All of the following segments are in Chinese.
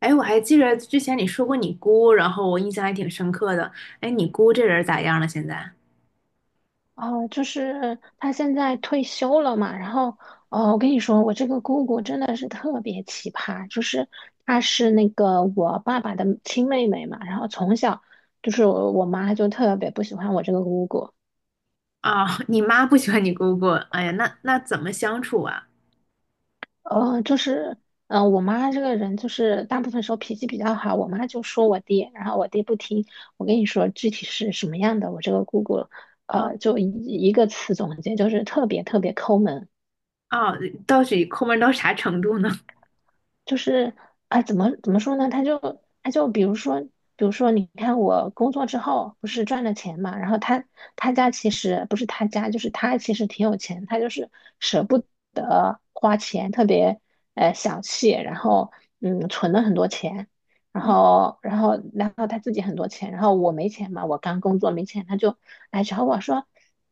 哎，我还记着之前你说过你姑，然后我印象还挺深刻的。哎，你姑这人咋样了？现在哦，就是他现在退休了嘛，然后，哦，我跟你说，我这个姑姑真的是特别奇葩，她是那个我爸爸的亲妹妹嘛，然后从小就是我妈就特别不喜欢我这个姑姑。啊，你妈不喜欢你姑姑。哎呀，那怎么相处啊？呃，就是，我妈这个人就是大部分时候脾气比较好，我妈就说我爹，然后我爹不听。我跟你说具体是什么样的，我这个姑姑，嗯呃，就一一个词总结，就是特别特别抠门。啊，哦，到底抠门到啥程度呢？就是怎么说呢?他就比如说，比如说，你看我工作之后不是赚了钱嘛，然后他其实不是他家，就是他其实挺有钱，他就是舍不得花钱，特别小气，然后存了很多钱。然嗯后然后然后他自己很多钱，然后我没钱嘛，我刚工作没钱，他就来找我说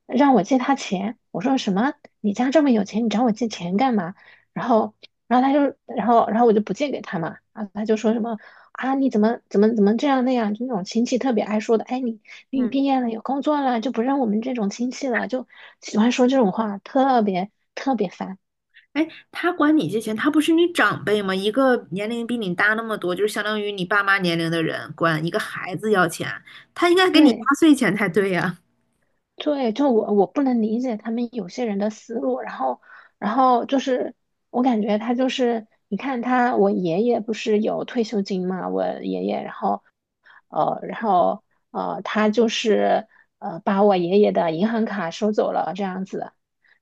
让我借他钱。我说什么？你家这么有钱，你找我借钱干嘛？然后然后他就，然后我就不借给他嘛。然后他就说什么啊，你怎么这样那样，就那种亲戚特别爱说的。哎，你你嗯，毕业了有工作了，就不认我们这种亲戚了，就喜欢说这种话，特别特别烦。哎，他管你借钱，他不是你长辈吗？一个年龄比你大那么多，就是相当于你爸妈年龄的人，管一个孩子要钱，他应该给你压对岁钱才对呀。对，就我不能理解他们有些人的思路。然后就是我感觉他就是，你看他，我爷爷不是有退休金嘛，我爷爷，然后呃，然后他就是把我爷爷的银行卡收走了这样子。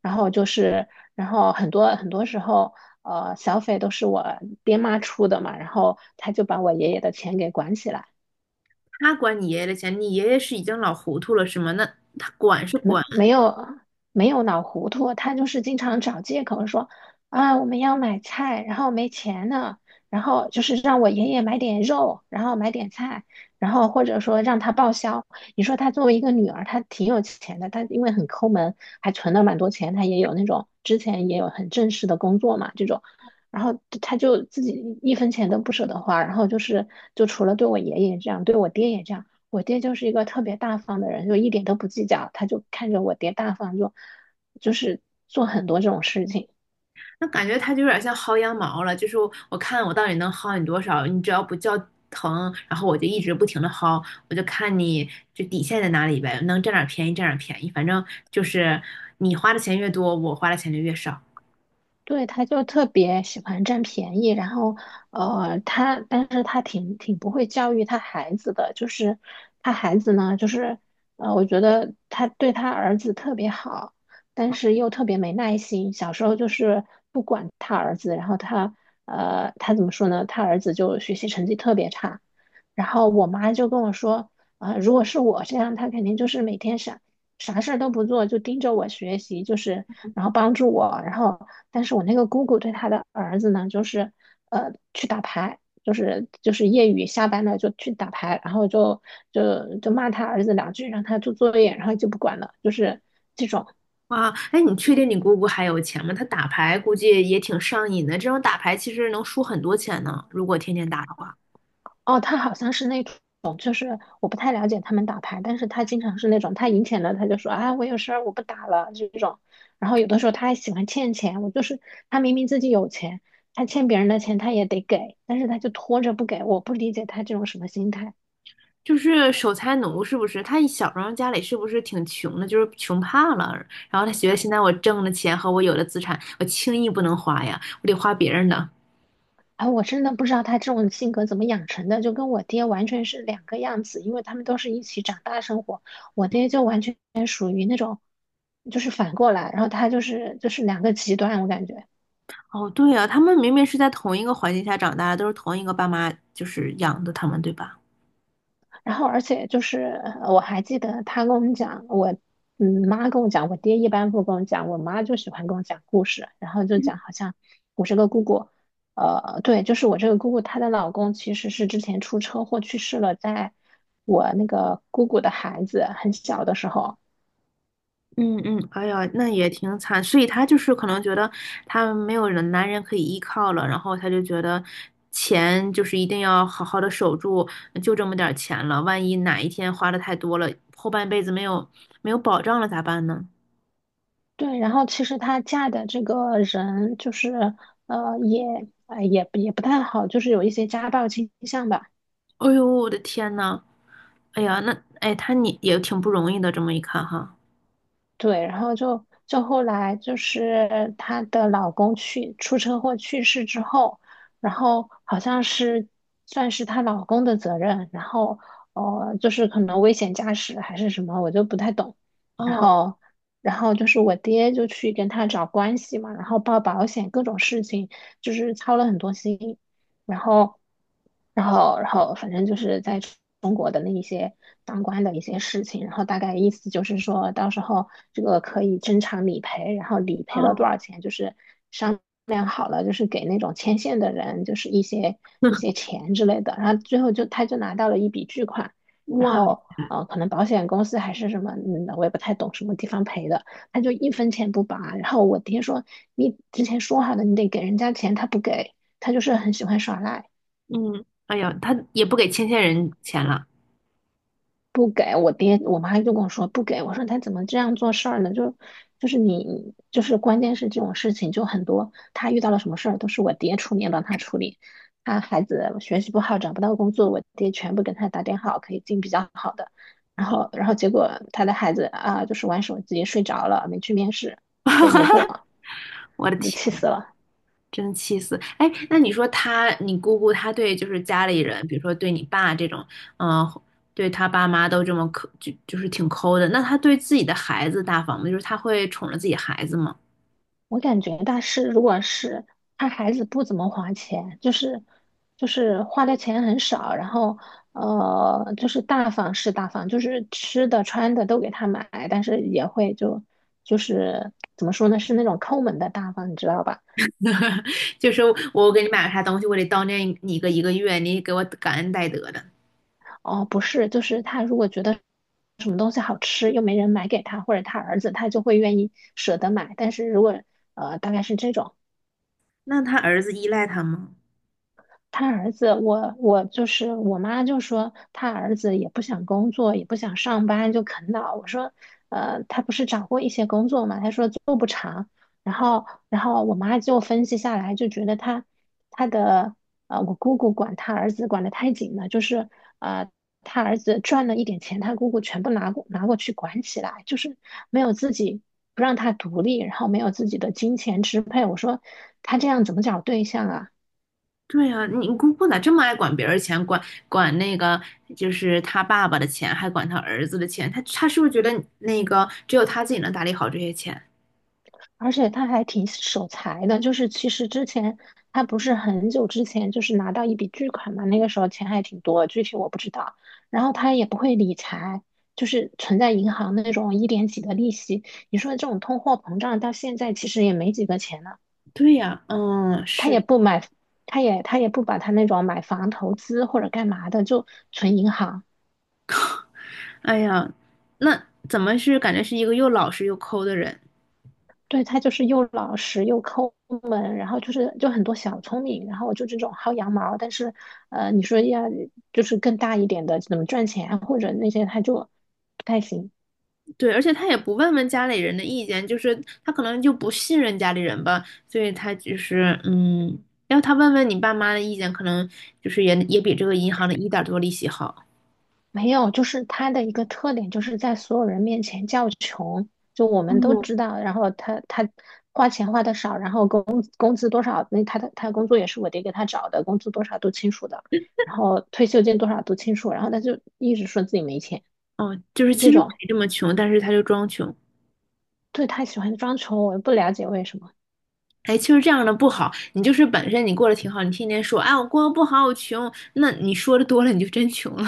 然后就是，然后很多很多时候，呃，小费都是我爹妈出的嘛，然后他就把我爷爷的钱给管起来。他管你爷爷的钱，你爷爷是已经老糊涂了是吗？那他管是没管，没有没有脑糊涂。他就是经常找借口说啊，我们要买菜，然后没钱了，然后就是让我爷爷买点肉，然后买点菜，然后或者说让他报销。你说他作为一个女儿，她挺有钱的，她因为很抠门，还存了蛮多钱，她也有那种，之前也有很正式的工作嘛这种。然后她就自己一分钱都不舍得花，就除了对我爷爷这样，对我爹也这样。我爹就是一个特别大方的人，就一点都不计较，他就看着我爹大方就，就是做很多这种事情。那感觉他就有点像薅羊毛了，就是我看我到底能薅你多少，你只要不叫疼，然后我就一直不停的薅，我就看你就底线在哪里呗，能占点便宜占点便宜，反正就是你花的钱越多，我花的钱就越少。对，他就特别喜欢占便宜。然后，呃，他，但是他挺不会教育他孩子的，就是他孩子呢，我觉得他对他儿子特别好，但是又特别没耐心。小时候就是不管他儿子，然后他，呃，他怎么说呢？他儿子就学习成绩特别差。然后我妈就跟我说，啊、如果是我这样，他肯定就是每天傻啥事儿都不做，就盯着我学习，就是然后帮助我。然后但是我那个姑姑对她的儿子呢，去打牌，就是业余下班了就去打牌，然后就骂他儿子两句，让他做作业，然后就不管了，就是。哇，哎，你确定你姑姑还有钱吗？她打牌估计也挺上瘾的，这种打牌其实能输很多钱呢，如果天天打的话。哦，他好像是那种，就是我不太了解他们打牌，但是他经常是那种，他赢钱了他就说啊，我有事儿我不打了这种。然后有的时候他还喜欢欠钱，我就是他明明自己有钱，他欠别人的钱他也得给，但是他就拖着不给，我不理解他这种什么心态。就是守财奴是不是？他小时候家里是不是挺穷的，就是穷怕了。然后他觉得现在我挣的钱和我有的资产，我轻易不能花呀，我得花别人的。啊，我真的不知道他这种性格怎么养成的，就跟我爹完全是两个样子，因为他们都是一起长大生活，我爹就完全就是反过来，然后他就是两个极端，我感觉。哦，对呀，他们明明是在同一个环境下长大的都是同一个爸妈就是养的他们，对吧？然后，而且就是呃我还记得他跟我们讲，我妈跟我讲，我爹一般不跟我讲，我妈就喜欢跟我讲故事。然后就讲，好像我这个姑姑，呃，对，就是我这个姑姑，她的老公其实是之前出车祸去世了，在我那个姑姑的孩子很小的时候。嗯嗯，哎呀，那也挺惨，所以他就是可能觉得他没有人男人可以依靠了，然后他就觉得钱就是一定要好好的守住，就这么点儿钱了，万一哪一天花的太多了，后半辈子没有保障了咋办呢？对，然后其实她嫁的这个人就是呃也也不太好，就是有一些家暴倾向吧。哎呦，我的天呐，哎呀，那哎他你也挺不容易的，这么一看哈。对，然后就后来就是她的老公去出车祸去世之后，然后好像是算是她老公的责任，然后呃就是可能危险驾驶还是什么，我就不太懂。然哦后然后就是我爹就去跟她找关系嘛，然后报保险各种事情，就是操了很多心。然后，然后，然后，反正就是在中国的那一些当官的一些事情，然后大概意思就是说到时候这个可以正常理赔，然后理赔了多哦 少钱，就是商量好了，就是给那种牵线的人就是一些 钱之类的，然后最后就他就拿到了一笔巨款。然哇，后。呃，可能保险公司还是什么，嗯，我也不太懂什么地方赔的，他就一分钱不拔。然后我爹说，你之前说好的，你得给人家钱，他不给。他就是很喜欢耍赖。嗯，哎呀，他也不给牵线人钱了，不给我爹，我妈就跟我说不给，我说他怎么这样做事儿呢？你就是关键是这种事情就很多，他遇到了什么事儿都是我爹出面帮他处理。他孩子学习不好，找不到工作，我爹全部给他打点好，可以进比较好的。然后，然后结果他的孩子啊，就是玩手机睡着了，没去面试，就没过，我的就气天。死了。真气死！哎，那你说他，你姑姑她对就是家里人，比如说对你爸这种，嗯、对他爸妈都这么抠，就是挺抠的。那他对自己的孩子大方吗？就是他会宠着自己孩子吗？我感觉大师如果是他孩子不怎么花钱，就是花的钱很少。然后呃就是大方是大方，就是吃的穿的都给他买，但是也会就就是怎么说呢，是那种抠门的大方，你知道吧？就是我给你买了啥东西，我得叨念你个一个月，你给我感恩戴德的。哦，不是，就是他如果觉得什么东西好吃又没人买给他，或者他儿子，他就会愿意舍得买。但是如果呃大概是这种。那他儿子依赖他吗？他儿子，我就是我妈就说他儿子也不想工作，也不想上班，就啃老。我说，呃，他不是找过一些工作嘛？他说做不长。然后，然后我妈就分析下来，就觉得他他的呃，我姑姑管他儿子管得太紧了，就是呃，他儿子赚了一点钱，他姑姑全部拿过去管起来，就是没有自己，不让他独立，然后没有自己的金钱支配。我说他这样怎么找对象啊？对呀、啊你姑姑咋这么爱管别人钱，管那个就是他爸爸的钱，还管他儿子的钱？他是不是觉得那个只有他自己能打理好这些钱？而且他还挺守财的，就是其实之前他不是很久之前就是拿到一笔巨款嘛，那个时候钱还挺多，具体我不知道。然后他也不会理财，就是存在银行那种一点几的利息。你说这种通货膨胀到现在其实也没几个钱了。对呀，嗯，他也是，不买，他也不把他那种买房投资或者干嘛的，就存银行。哎呀，那怎么是感觉是一个又老实又抠的人？对，他就是又老实又抠门，然后就是就很多小聪明，然后就这种薅羊毛。但是，呃，你说要就是更大一点的怎么赚钱啊或者那些，他就不太行。对，而且他也不问问家里人的意见，就是他可能就不信任家里人吧，所以他就是嗯，要他问问你爸妈的意见，可能就是也比这个银行的一点多利息好。没有，就是他的一个特点就是在所有人面前叫穷，就我们都哦，知道。然后他花钱花的少，然后工资多少，那他的工作也是我爹给他找的，工资多少都清楚的，然后退休金多少都清楚，然后他就一直说自己没钱，哦，就是就其这实没种。这么穷，但是他就装穷。对，他喜欢装穷，我也不了解为什么。哎，其实这样的不好，你就是本身你过得挺好，你天天说，哎，我过得不好，我穷，那你说的多了，你就真穷了。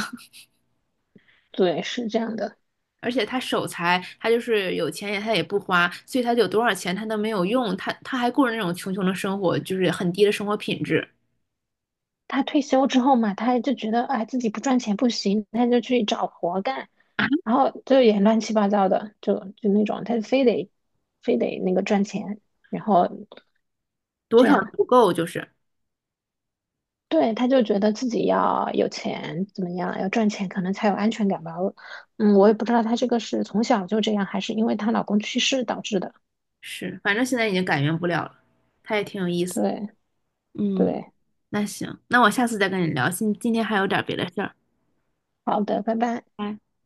对，是这样的。而且他守财，他就是有钱也他也不花，所以他有多少钱他都没有用，他还过着那种穷穷的生活，就是很低的生活品质，他退休之后嘛，他就觉得哎自己不赚钱不行，他就去找活干，然后就也乱七八糟的，就就那种，他非得那个赚钱，然后多这少都样。不够，就是对，他就觉得自己要有钱怎么样，要赚钱可能才有安全感吧。我嗯，我也不知道他这个是从小就这样，还是因为她老公去世导致的。是，反正现在已经改变不了了，他也挺有意思，对嗯，对，那行，那我下次再跟你聊，今天还有点别的事儿，好的，拜拜。拜。